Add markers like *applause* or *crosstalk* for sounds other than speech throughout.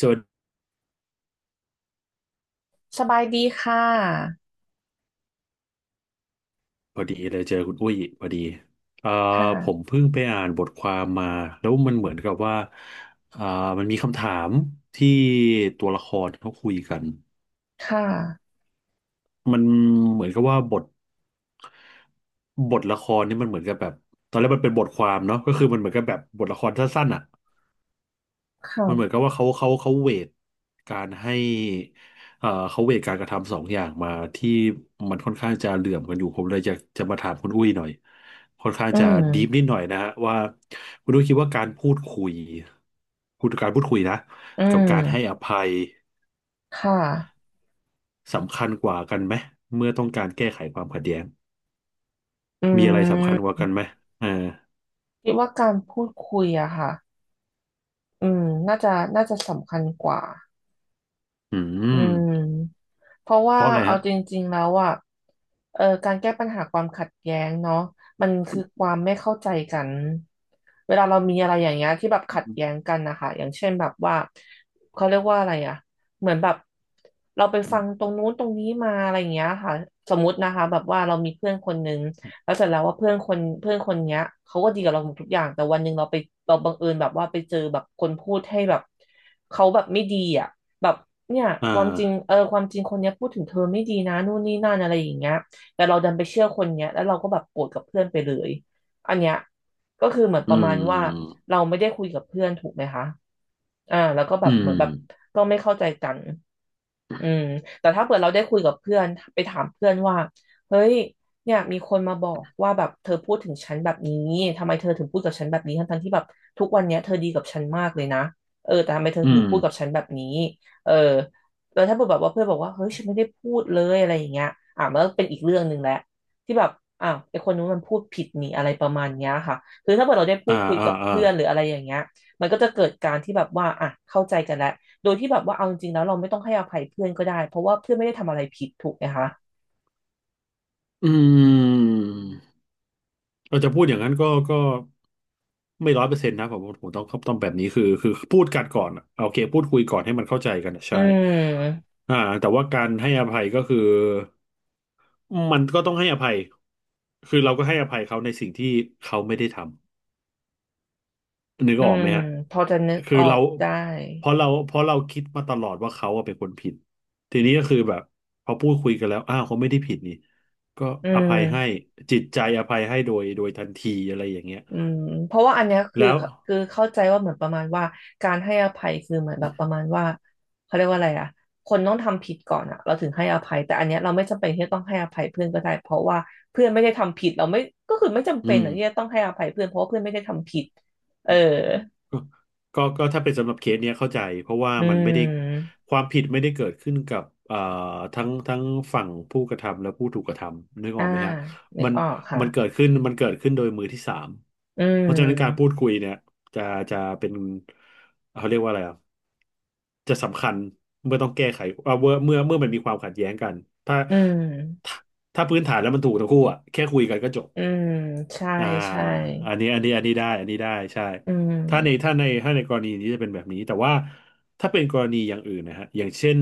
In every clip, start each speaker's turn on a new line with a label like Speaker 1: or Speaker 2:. Speaker 1: สวัสดี
Speaker 2: สบายดีค่ะ
Speaker 1: พอดีเลยเจอคุณอุ้ยพอดีเอ่อผม
Speaker 2: ค่ะ
Speaker 1: เพิ่งไปอ่านบทความมาแล้วมันเหมือนกับว่าเอ่อมันมีคำถามที่ตัวละครเขาคุยกัน
Speaker 2: ค่ะ
Speaker 1: มันเหมือนกับว่าบทละครนี่มันเหมือนกับแบบตอนแรกมันเป็นบทความเนาะก็คือมันเหมือนกับแบบบทละครสั้นๆอ่ะ
Speaker 2: ค
Speaker 1: มันเหมือนกับ
Speaker 2: ่ะ
Speaker 1: ว่าเขาเวทการให้เขาเวทการกระทำสองอย่างมาที่มันค่อนข้างจะเหลื่อมกันอยู่ผมเลยอยากจะมาถามคุณอุ้ยหน่อยค่อนข้าง
Speaker 2: อื
Speaker 1: จะดีฟนิ
Speaker 2: ม
Speaker 1: ดหน่อยนะฮะว่าคุณอุ้ยคิดว่าการพูดคุยการพูดคุยนะ
Speaker 2: อื
Speaker 1: กับการให้
Speaker 2: ม
Speaker 1: อภัย
Speaker 2: ค่ะ
Speaker 1: สำคัญกว่ากันไหมเมื่อต้องการแก้ไขความขัดแย้ง
Speaker 2: อื
Speaker 1: มีอะไรสำคัญก
Speaker 2: ม
Speaker 1: ว่ากันไหมอ่า
Speaker 2: คิดว่าการพูดคุยอะค่ะ อืม น่าจะ น่าจะสำคัญกว่า
Speaker 1: อื
Speaker 2: อื
Speaker 1: ม
Speaker 2: ม เพราะ
Speaker 1: เพ
Speaker 2: ว่า
Speaker 1: ราะอะไร
Speaker 2: เอา
Speaker 1: ฮะ
Speaker 2: จริงๆแล้วอ่ะเออการแก้ปัญหาความขัดแย้งเนาะมันคือความไม่เข้าใจกันเวลาเรามีอะไรอย่างเงี้ยที่แบบขัดแย้งกันนะคะอย่างเช่นแบบว่าเขาเรียกว่าอะไรอ่ะเหมือนแบบเราไปฟังตรงนู้นตรงนี้มาอะไรอย่างเงี้ยค่ะสมมตินะคะแบบว่าเรามีเพื่อนคนนึงแล้วเสร็จแล้วว่าเพื่อนคนเนี้ยเขาก็ดีกับเราหมดทุกอย่างแต่วันหนึ่งเราบังเอิญแบบว่าไปเจอแบบคนพูดให้แบบเขาแบบไม่ดีอ่ะ แบบเนี่ย
Speaker 1: อ่า
Speaker 2: ความจริงเออความจริงคนเนี้ยพูดถึงเธอไม่ดีนะนู่นนี่นั่นอะไรอย่างเงี้ยแต่เราดันไปเชื่อคนเนี้ยแล้วเราก็แบบโกรธกับเพื่อนไปเลยอันเนี้ยก็คือเหมือนป
Speaker 1: อื
Speaker 2: ระมาณว่า
Speaker 1: ม
Speaker 2: เราไม่ได้คุยกับเพื่อนถูกไหมคะอ่าแล้วก็แบ
Speaker 1: อื
Speaker 2: บเหมือ
Speaker 1: ม
Speaker 2: นแบบก็ไม่เข้าใจกันอืมแต่ถ้าเกิดเราได้คุยกับเพื่อนไปถามเพื่อนว่าเฮ้ยเนี่ยมีคนมาบอกว่าแบบเธอพูดถึงฉันแบบนี้ทำไมเธอถึงพูดกับฉันแบบนี้ทั้งๆที่แบบทุกวันเนี้ยเธอดีกับฉันมากเลยนะเออแต่ทำไมเธอ
Speaker 1: อื
Speaker 2: ถึ
Speaker 1: ม
Speaker 2: งพูดกับฉันแบบนี้ เออแล้วถ้าแบบว่าเพื่อนบอกว่าเฮ้ยฉันไม่ได้พูดเลยอะไรอย่างเงี้ยอ่ะมันก็เป็นอีกเรื่องหนึ่งแหละที่แบบอ้าวไอคนนู้นมันพูดผิดนี่อะไรประมาณเนี้ยค่ะคือถ้าเกิดเราได้พู
Speaker 1: อ่า
Speaker 2: ดคุย
Speaker 1: อ่า
Speaker 2: กับ
Speaker 1: อ่า
Speaker 2: เพื่อนหรืออะไรอย่างเงี้ยมันก็จะเกิดการที่แบบว่าอ่ะเข้าใจกันแล้วโดยที่แบบว่าเอาจริงๆแล้วเราไม่ต้องให้อภัยเพื่อนก็ได้เพราะว่าเพื่อนไม่ได้ทำอะไรผิดถูกไหมคะ
Speaker 1: อืมเราจะพูดอย่างนั้นก็ไม่ร้อยเปอร์เซ็นต์นะผมต้องแบบนี้คือพูดกันก่อนอะโอเคพูดคุยก่อนให้มันเข้าใจกันอะ
Speaker 2: อื
Speaker 1: ใช่
Speaker 2: ม
Speaker 1: อ่าแต่ว่าการให้อภัยก็คือมันก็ต้องให้อภัยคือเราก็ให้อภัยเขาในสิ่งที่เขาไม่ได้ทำ นึก
Speaker 2: อื
Speaker 1: ออก
Speaker 2: ม
Speaker 1: ไหมฮะ
Speaker 2: พอจะนึก
Speaker 1: คื
Speaker 2: อ
Speaker 1: อ
Speaker 2: อ
Speaker 1: เรา
Speaker 2: กได้
Speaker 1: เพราะเราคิดมาตลอดว่าเขาอะเป็นคนผิด ทีนี้ก็คือแบบพอพูดคุยกันแล้วอ้าวเขาไม่ได้ผิดนี่ ก็
Speaker 2: อื
Speaker 1: อภั
Speaker 2: ม
Speaker 1: ยให้จิตใจอภัยให้โดยทันทีอะไรอย่างเงี้ย
Speaker 2: อืมเพราะว่าอันเนี้ยคือ
Speaker 1: แล้ว
Speaker 2: คือเข้าใจว่าเหมือนประมาณว่าการให้อภัยคือเหมือนแบบประมาณว่าเขาเรียกว่าอะไรอะคนต้องทำผิดก่อนอะเราถึงให้อภัยแต่อันเนี้ยเราไม่จำเป็นที่จะต้องให้อภัยเพื่อนก็ได้เพราะว่าเพื่อนไม่ได้ทำผิดเราไม่ก็คือไม่จำ
Speaker 1: อื
Speaker 2: เป็น
Speaker 1: ม
Speaker 2: อะที่จะต้องให้อภัยเพื่อนเพราะว่าเพื่อนไม่ได้ทำผิดเออ
Speaker 1: ก็ก็ถ้าเป็นสำหรับเคสเนี้ยเข้าใจเพราะว่า
Speaker 2: อื
Speaker 1: มันไม่ได้
Speaker 2: ม
Speaker 1: ความผิดไม่ได้เกิดขึ้นกับทั้งฝั่งผู้กระทำและผู้ถูกกระทำนึกอ
Speaker 2: อ่า
Speaker 1: อกไหมฮะ
Speaker 2: นึก
Speaker 1: มัน
Speaker 2: ออกค่ะ
Speaker 1: มันเกิดขึ้นมันเกิดขึ้นโดยมือที่สาม
Speaker 2: อื
Speaker 1: เพราะฉะนั้นการพูด
Speaker 2: ม
Speaker 1: คุยเนี่ยจะจะเป็นเขาเรียกว่าอะไรอ่ะจะสำคัญเมื่อต้องแก้ไขเมื่อมันมีความขัดแย้งกันถ้า
Speaker 2: อืม
Speaker 1: ถ้าถ้าพื้นฐานแล้วมันถูกทั้งคู่อ่ะแค่คุยกันก็จบ
Speaker 2: อืมใช่
Speaker 1: อ่า
Speaker 2: ใช่
Speaker 1: อันนี้ได้อันนี้ได้ใช่
Speaker 2: อืม
Speaker 1: ถ้าในกรณีนี้จะเป็นแบบนี้แต่ว่าถ้าเป็นกรณีอย่างอื่นนะฮะอย่างเช่น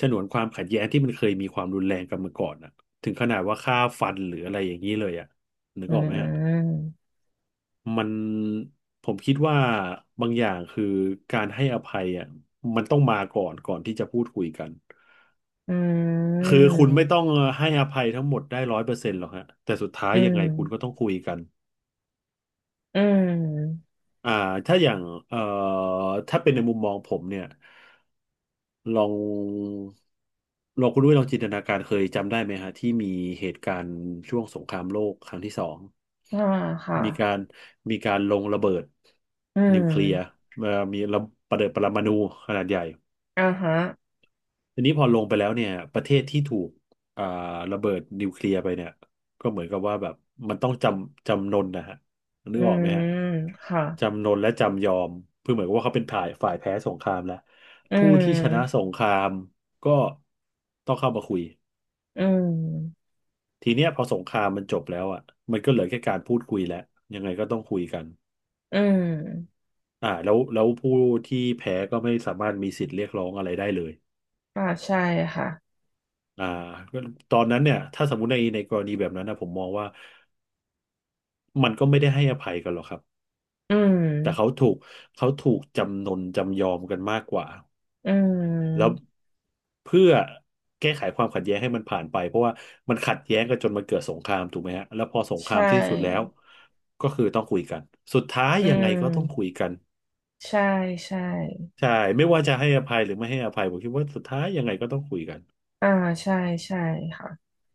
Speaker 1: ฉนวนความขัดแย้งที่มันเคยมีความรุนแรงกันมาก่อนอะถึงขนาดว่าฆ่าฟันหรืออะไรอย่างนี้เลยอะนึก
Speaker 2: อื
Speaker 1: ออกไหมฮะ
Speaker 2: ม
Speaker 1: มันผมคิดว่าบางอย่างคือการให้อภัยอ่ะมันต้องมาก่อนก่อนที่จะพูดคุยกัน
Speaker 2: อื
Speaker 1: คือคุณไม่ต้อ
Speaker 2: ม
Speaker 1: งให้อภัยทั้งหมดได้ร้อยเปอร์เซ็นต์หรอกฮะแต่สุดท้าย
Speaker 2: อื
Speaker 1: ยังไง
Speaker 2: ม
Speaker 1: คุณก็ต้องคุยกัน
Speaker 2: อืม
Speaker 1: อ่าถ้าอย่างเอ่อถ้าเป็นในมุมมองผมเนี่ยลองลองคุณด้วยลองจินตนาการเคยจำได้ไหมฮะที่มีเหตุการณ์ช่วงสงครามโลกครั้งที่สอง
Speaker 2: อ่าค่ะ
Speaker 1: มีการมีการลงระเบิด
Speaker 2: อื
Speaker 1: นิวเคลียร์
Speaker 2: ม
Speaker 1: เอ่อมีระเบิดปรมาณูขนาดใหญ่
Speaker 2: อ่าฮะ
Speaker 1: ทีนี้พอลงไปแล้วเนี่ยประเทศที่ถูกอ่าระเบิดนิวเคลียร์ไปเนี่ยก็เหมือนกับว่าแบบมันต้องจำจำนนนะฮะนึ
Speaker 2: อื
Speaker 1: กออก
Speaker 2: ม
Speaker 1: ไหมฮะ
Speaker 2: ค่ะ
Speaker 1: จำนนและจำยอมเพื่อเหมือนกับว่าเขาเป็นฝ่ายแพ้สงครามแล้ว
Speaker 2: อื
Speaker 1: ผู้ที่ชนะส
Speaker 2: ม
Speaker 1: งครามก็ต้องเข้ามาคุย
Speaker 2: อืม
Speaker 1: ทีเนี้ยพอสงครามมันจบแล้วอ่ะมันก็เหลือแค่การพูดคุยแล้วยังไงก็ต้องคุยกัน
Speaker 2: อืม
Speaker 1: อ่าแล้วผู้ที่แพ้ก็ไม่สามารถมีสิทธิ์เรียกร้องอะไรได้เลย
Speaker 2: อ่าใช่ค่ะ
Speaker 1: อ่าก็ตอนนั้นเนี่ยถ้าสมมติในกรณีแบบนั้นนะผมมองว่ามันก็ไม่ได้ให้อภัยกันหรอกครับ
Speaker 2: อืม
Speaker 1: แต่เขาถูกจำนนจำยอมกันมากกว่า
Speaker 2: อื
Speaker 1: แล้ว
Speaker 2: ม
Speaker 1: เพื่อแก้ไขความขัดแย้งให้มันผ่านไปเพราะว่ามันขัดแย้งกันจนมันเกิดสงครามถูกไหมฮะแล้วพอสงค
Speaker 2: ใช
Speaker 1: รามที่สุดแล้ว
Speaker 2: ่
Speaker 1: ก็คือต้องคุยกันสุดท้าย
Speaker 2: อื
Speaker 1: ยังไงก็ต้องคุย
Speaker 2: ม
Speaker 1: กัน
Speaker 2: ใช่ใช่
Speaker 1: ใช่ไม่ว่าจะให้อภัยหรือไม่ให้อภัยผมคิดว่าสุดท้ายยังไงก็ต้องคุยกัน
Speaker 2: อ่าใช่ใช่ค่ะ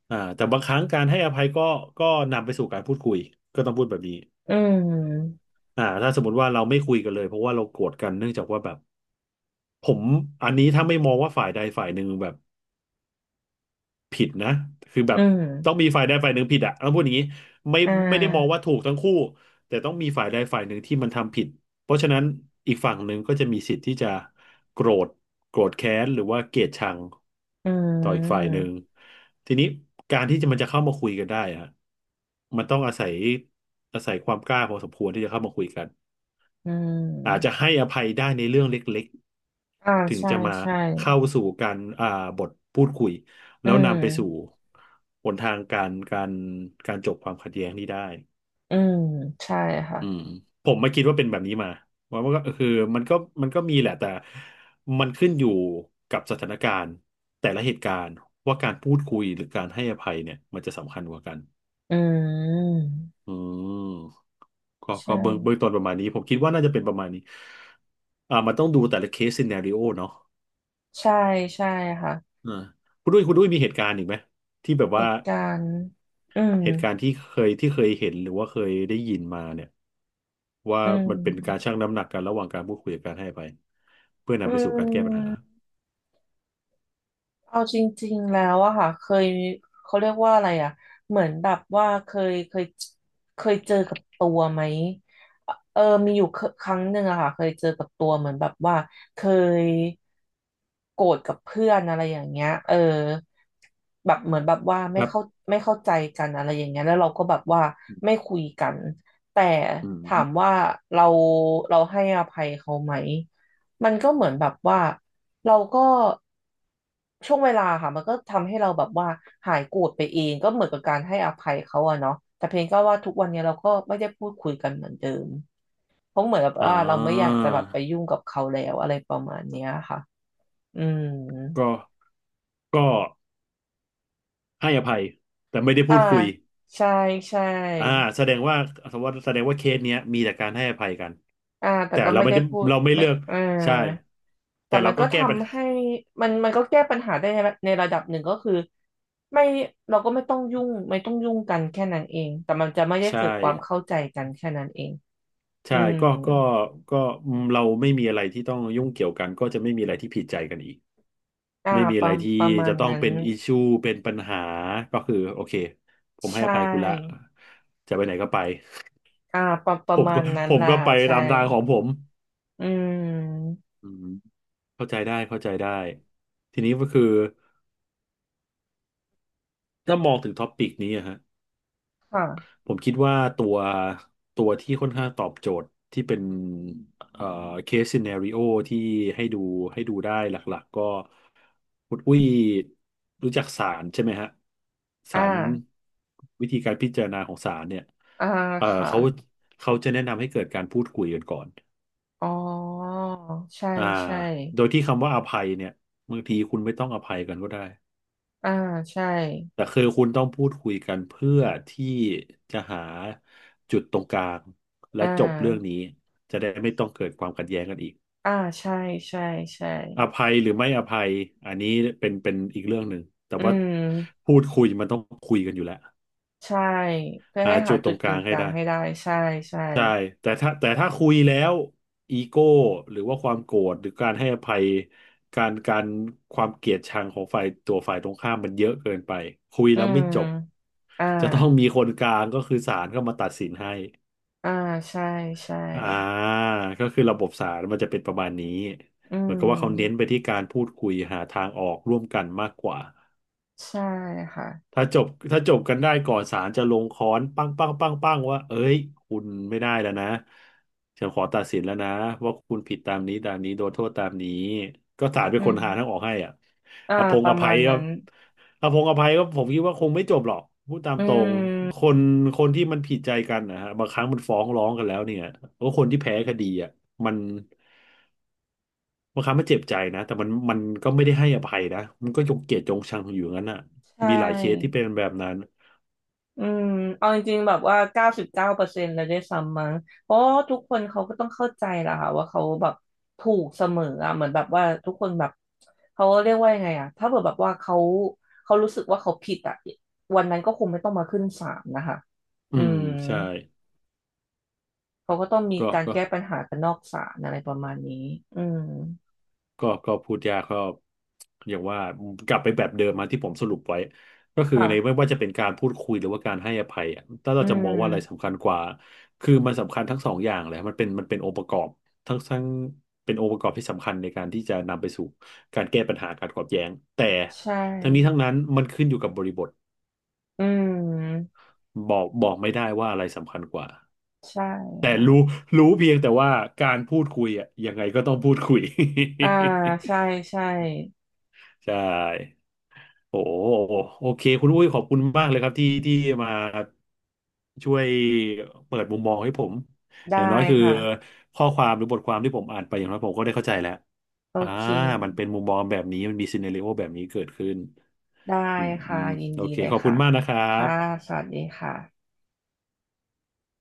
Speaker 1: อ่าแต่บางครั้งการให้อภัยก็ก็นำไปสู่การพูดคุยก็ต้องพูดแบบนี้
Speaker 2: อืม
Speaker 1: ถ้าสมมติว่าเราไม่คุยกันเลยเพราะว่าเราโกรธกันเนื่องจากว่าแบบผมอันนี้ถ้าไม่มองว่าฝ่ายใดฝ่ายหนึ่งแบบผิดนะคือแบ
Speaker 2: อื
Speaker 1: บ
Speaker 2: ม
Speaker 1: ต้องมีฝ่ายใดฝ่ายหนึ่งผิดอะต้องพูดอย่างนี้ไม่
Speaker 2: อ่
Speaker 1: ไม่ได้มองว่า
Speaker 2: า
Speaker 1: ถูกทั้งคู่แต่ต้องมีฝ่ายใดฝ่ายหนึ่งที่มันทำผิดเพราะฉะนั้นอีกฝั่งหนึ่งก็จะมีสิทธิ์ที่จะโกรธโกรธแค้นหรือว่าเกลียดชัง
Speaker 2: อื
Speaker 1: ต่ออีกฝ่ายหนึ่
Speaker 2: ม
Speaker 1: งทีนี้การที่จะมันจะเข้ามาคุยกันได้อะมันต้องอาศัยความกล้าพอสมควรที่จะเข้ามาคุยกัน
Speaker 2: อื
Speaker 1: อาจจะ
Speaker 2: ม
Speaker 1: ให้อภัยได้ในเรื่องเล็ก
Speaker 2: อ่า
Speaker 1: ๆ ถึง
Speaker 2: ใช่
Speaker 1: จะมา
Speaker 2: ใช่
Speaker 1: เข้าสู่การบทพูดคุย
Speaker 2: อื
Speaker 1: แล้วนำไปสู่
Speaker 2: ม
Speaker 1: หนทางการการจบความขัดแย้งนี้ได้
Speaker 2: อืมใช่ค่ะ
Speaker 1: อืมผมมาคิดว่าเป็นแบบนี้มาว่ามันก็คือมันก็มันก็มีแหละแต่มันขึ้นอยู่กับสถานการณ์แต่ละเหตุการณ์ว่าการพูดคุยหรือการให้อภัยเนี่ยมันจะสำคัญกว่ากัน
Speaker 2: อืม
Speaker 1: อืมก็
Speaker 2: ใช่
Speaker 1: ก็เบื้องต้นประมาณนี้ผมคิดว่าน่าจะเป็นประมาณนี้อ่ามันต้องดูแต่ละเคสซีนาริโอเนาะ
Speaker 2: ใช่ใช่ค่ะ
Speaker 1: อ่าคุณด้วยมีเหตุการณ์อีกไหมที่แบบ
Speaker 2: เห
Speaker 1: ว่า
Speaker 2: ตุการณ์อืม
Speaker 1: เหตุการณ์ที่เคยเห็นหรือว่าเคยได้ยินมาเนี่ยว่า
Speaker 2: อื
Speaker 1: มันเป็นการชั่
Speaker 2: ม
Speaker 1: งน้ำหนักกันระหว่างการพูดคุยกับการให้อภัยเพื่อ
Speaker 2: อื
Speaker 1: นำไปสู่การแก้ปัญหา
Speaker 2: ม เอาจริงๆแล้วอะค่ะเคยเขาเรียกว่าอะไรอะเหมือนแบบว่าเคยเจอกับตัวไหมเออมีอยู่เครั้งหนึ่งอะค่ะเคยเจอกับตัวเหมือนแบบว่าเคยโกรธกับเพื่อนอะไรอย่างเงี้ยเออแบบเหมือนแบบว่า
Speaker 1: ค
Speaker 2: ไม่
Speaker 1: รั
Speaker 2: เข้า
Speaker 1: บ
Speaker 2: ไม่เข้าใจกันอะไรอย่างเงี้ยแล้วเราก็แบบว่าไม่คุยกันแต่
Speaker 1: อืม
Speaker 2: ถามว่าเราเราให้อภัยเขาไหม มันก็เหมือนแบบว่าเราก็ช่วงเวลาค่ะมันก็ทำให้เราแบบว่าหายโกรธไปเองก็เหมือนกับการให้อภัยเขาอะเนาะแต่เพียงก็ว่าทุกวันเนี้ยเราก็ไม่ได้พูดคุยกันเหมือนเดิมเพราะเหมือนแบบ
Speaker 1: อ่
Speaker 2: ว่าเราไม่อยาก
Speaker 1: า
Speaker 2: จะแบบไปยุ่งกับเขาแล้วอะไรประมาณเนี้ยค่ะอืม
Speaker 1: ก็ก็ให้อภัยแต่ไม่ได้
Speaker 2: อ่า
Speaker 1: พูดคุย
Speaker 2: ใช่ใช่
Speaker 1: อ่าแสดงว่าแสดงว่าเคสเนี้ยมีแต่การให้อภัยกัน
Speaker 2: อ่าแต่
Speaker 1: แต่
Speaker 2: ก็
Speaker 1: เรา
Speaker 2: ไม่
Speaker 1: ไม่
Speaker 2: ได้
Speaker 1: ได้
Speaker 2: พูด
Speaker 1: เราไม่
Speaker 2: ไม่
Speaker 1: เลือก
Speaker 2: เออ
Speaker 1: ใช่
Speaker 2: แต่
Speaker 1: แต่
Speaker 2: มั
Speaker 1: เรา
Speaker 2: น
Speaker 1: ก็
Speaker 2: ก็
Speaker 1: แก้ปัญ
Speaker 2: ทำ
Speaker 1: หา
Speaker 2: ให้มันก็แก้ปัญหาได้ในระดับหนึ่งก็คือไม่เราก็ไม่ต้องยุ่งกันแค่นั้นเองแต่มันจะไม่ได้
Speaker 1: ใช่
Speaker 2: เกิดความเข้าใจกันแค่นั้นเองอื
Speaker 1: ใช่
Speaker 2: ม
Speaker 1: ก็อืมเราไม่มีอะไรที่ต้องยุ่งเกี่ยวกันก็จะไม่มีอะไรที่ผิดใจกันอีก
Speaker 2: อ่า
Speaker 1: ไม่มี
Speaker 2: ป
Speaker 1: อะ
Speaker 2: ระ
Speaker 1: ไรที่
Speaker 2: ประมา
Speaker 1: จะ
Speaker 2: ณ
Speaker 1: ต้อง
Speaker 2: นั้น
Speaker 1: เป็นอิชูเป็นปัญหาก็คือโอเคผม
Speaker 2: ใช
Speaker 1: ให้อภัยคุณละ
Speaker 2: ่
Speaker 1: จะไปไหนก็ไป
Speaker 2: อ่าประป
Speaker 1: *laughs* ผ
Speaker 2: ระ
Speaker 1: ม
Speaker 2: มา
Speaker 1: ก็
Speaker 2: ณนั้น
Speaker 1: ผ
Speaker 2: แห
Speaker 1: ม
Speaker 2: ละ
Speaker 1: ก็
Speaker 2: ค่ะ
Speaker 1: ไป
Speaker 2: ใช่
Speaker 1: ตามทางของผม
Speaker 2: อืม
Speaker 1: อืมเข้าใจได้เข้าใจได้ทีนี้ก็คือถ้ามองถึงท็อปิกนี้อะฮะ
Speaker 2: ค่ะ
Speaker 1: ผมคิดว่าตัวที่ค่อนข้างตอบโจทย์ที่เป็นเอ่อเคสซีเนริโอที่ให้ดูได้หลักๆก็คุณอุ้ยรู้จักศาลใช่ไหมฮะศา
Speaker 2: อ่า
Speaker 1: ลวิธีการพิจารณาของศาลเนี่ย
Speaker 2: อ่า
Speaker 1: เอ่อ
Speaker 2: ค่ะ
Speaker 1: เขาเขาจะแนะนำให้เกิดการพูดคุยกันก่อน
Speaker 2: อ๋อใช่
Speaker 1: อ่า
Speaker 2: ใช่
Speaker 1: โดยที่คำว่าอภัยเนี่ยบางทีคุณไม่ต้องอภัยกันก็ได้
Speaker 2: อ่าใช่
Speaker 1: แต่คือคุณต้องพูดคุยกันเพื่อที่จะหาจุดตรงกลางและ
Speaker 2: อ่า
Speaker 1: จบเรื่องนี้จะได้ไม่ต้องเกิดความขัดแย้งกันอีก
Speaker 2: อ่าใช่ใช่ใช่
Speaker 1: อภัยหรือไม่อภัยอันนี้เป็นอีกเรื่องหนึ่งแต่
Speaker 2: อื
Speaker 1: ว่า
Speaker 2: ม
Speaker 1: พูดคุยมันต้องคุยกันอยู่แล้ว
Speaker 2: ใช่เพื่อ
Speaker 1: หา
Speaker 2: ให้หา
Speaker 1: จุดต
Speaker 2: จุ
Speaker 1: ร
Speaker 2: ด
Speaker 1: งกลา
Speaker 2: กึ่ง
Speaker 1: ง
Speaker 2: ก
Speaker 1: ให้
Speaker 2: ลาง
Speaker 1: ได้
Speaker 2: ให้ได้ใช่ใช่
Speaker 1: ใช่แต่ถ้าคุยแล้วอีโก้หรือว่าความโกรธหรือการให้อภัยการการความเกลียดชังของฝ่ายตรงข้ามมันเยอะเกินไปคุย
Speaker 2: อื
Speaker 1: แล้ว
Speaker 2: ม
Speaker 1: ไม่จบ
Speaker 2: อ่า
Speaker 1: จะต้องมีคนกลางก็คือศาลเข้ามาตัดสินให้
Speaker 2: อ่าใช่ใช่
Speaker 1: อ่าก็คือระบบศาลมันจะเป็นประมาณนี้
Speaker 2: อื
Speaker 1: เหมือนกับว่าเขาเน้นไป
Speaker 2: ม
Speaker 1: ที่การพูดคุยหาทางออกร่วมกันมากกว่า
Speaker 2: ใช่ค่ะ
Speaker 1: ถ้าจบกันได้ก่อนศาลจะลงค้อนปั้งปั้งปั้งปั้งว่าเอ้ยคุณไม่ได้แล้วนะฉันขอตัดสินแล้วนะว่าคุณผิดตามนี้ตามนี้โดนโทษตามนี้ก็ศาลเป็น
Speaker 2: อื
Speaker 1: ค
Speaker 2: ม
Speaker 1: นหาทางออกให้อ่ะ
Speaker 2: อ่า
Speaker 1: อภง
Speaker 2: ป
Speaker 1: อ
Speaker 2: ระมา
Speaker 1: ภัย
Speaker 2: ณ
Speaker 1: ก็
Speaker 2: นั้น
Speaker 1: อภงอภัยก็ผมคิดว่าคงไม่จบหรอกพูดตาม
Speaker 2: อื
Speaker 1: ตรงค
Speaker 2: ม
Speaker 1: นคนที่มันผิดใจกันนะฮะบางครั้งมันฟ้องร้องกันแล้วเนี่ยก็คนที่แพ้คดีอ่ะมันบางครั้งมันเจ็บใจนะแต่มันก็ไม่ได้ให้อภัยนะมันก็ยกเกียรติยงชังอยู่อย่างนั้นอ่ะ
Speaker 2: ใช่
Speaker 1: มีหลายเคสที่เป็นแบบนั้น
Speaker 2: อืมเอาจริงๆแบบว่า99%เลยด้วยซ้ำมั้งเพราะว่าทุกคนเขาก็ต้องเข้าใจแหละค่ะว่าเขาแบบถูกเสมออะเหมือนแบบว่าทุกคนแบบเขาเรียกว่ายังไงอะถ้าเกิดแบบว่าเขารู้สึกว่าเขาผิดอะวันนั้นก็คงไม่ต้องมาขึ้นศาลนะคะ
Speaker 1: อื
Speaker 2: อื
Speaker 1: ม
Speaker 2: ม
Speaker 1: ใช่
Speaker 2: เขาก็ต้องมี
Speaker 1: ก็
Speaker 2: การ
Speaker 1: ก็
Speaker 2: แก้ปัญหากันนอกศาลอะไรประมาณนี้อืม
Speaker 1: ก็ก็พูดยากก็อย่างว่ากลับไปแบบเดิมมาที่ผมสรุปไว้ก็คือในไม่
Speaker 2: ค่ะ
Speaker 1: ว่าจะเป็นการพูดคุยหรือว่าการให้อภัยอะถ้า
Speaker 2: อื
Speaker 1: เราจะมองว่าอะไร
Speaker 2: ม
Speaker 1: สำคัญกว่าคือมันสำคัญทั้งสองอย่างเลยมันเป็นองค์ประกอบทั้งทั้งเป็นองค์ประกอบที่สำคัญในการที่จะนำไปสู่การแก้ปัญหาการขัดแย้งแต่
Speaker 2: ใช่
Speaker 1: ทั้งนี้ทั้งนั้นมันขึ้นอยู่กับบริบท
Speaker 2: อืม
Speaker 1: บอกไม่ได้ว่าอะไรสำคัญกว่า
Speaker 2: ใช่ค่ะ
Speaker 1: รู้เพียงแต่ว่าการพูดคุยอ่ะยังไงก็ต้องพูดคุย
Speaker 2: อ่าใช่ใช่
Speaker 1: ใช่ โอ้โหโอเคคุณอุ้ยขอบคุณมากเลยครับที่มาช่วยเปิดมุมมองให้ผมอย่าง
Speaker 2: ได้
Speaker 1: น้อยคือ
Speaker 2: ค่ะ
Speaker 1: ข้อความหรือบทความที่ผมอ่านไปอย่างน้อยผมก็ได้เข้าใจแล้ว
Speaker 2: โอ
Speaker 1: อ่า
Speaker 2: เค
Speaker 1: มันเป็นมุมมองแบบนี้มันมีซีเน r ร o โอแบบนี้เกิดขึ้น
Speaker 2: ได้
Speaker 1: อืมอื
Speaker 2: ค่ะ
Speaker 1: ม
Speaker 2: ยิน
Speaker 1: โอ
Speaker 2: ดี
Speaker 1: เค
Speaker 2: เลย
Speaker 1: ขอบคุ
Speaker 2: ค่ะ
Speaker 1: ณมากนะครั
Speaker 2: ค่ะ
Speaker 1: บ
Speaker 2: สวัสดีค่ะ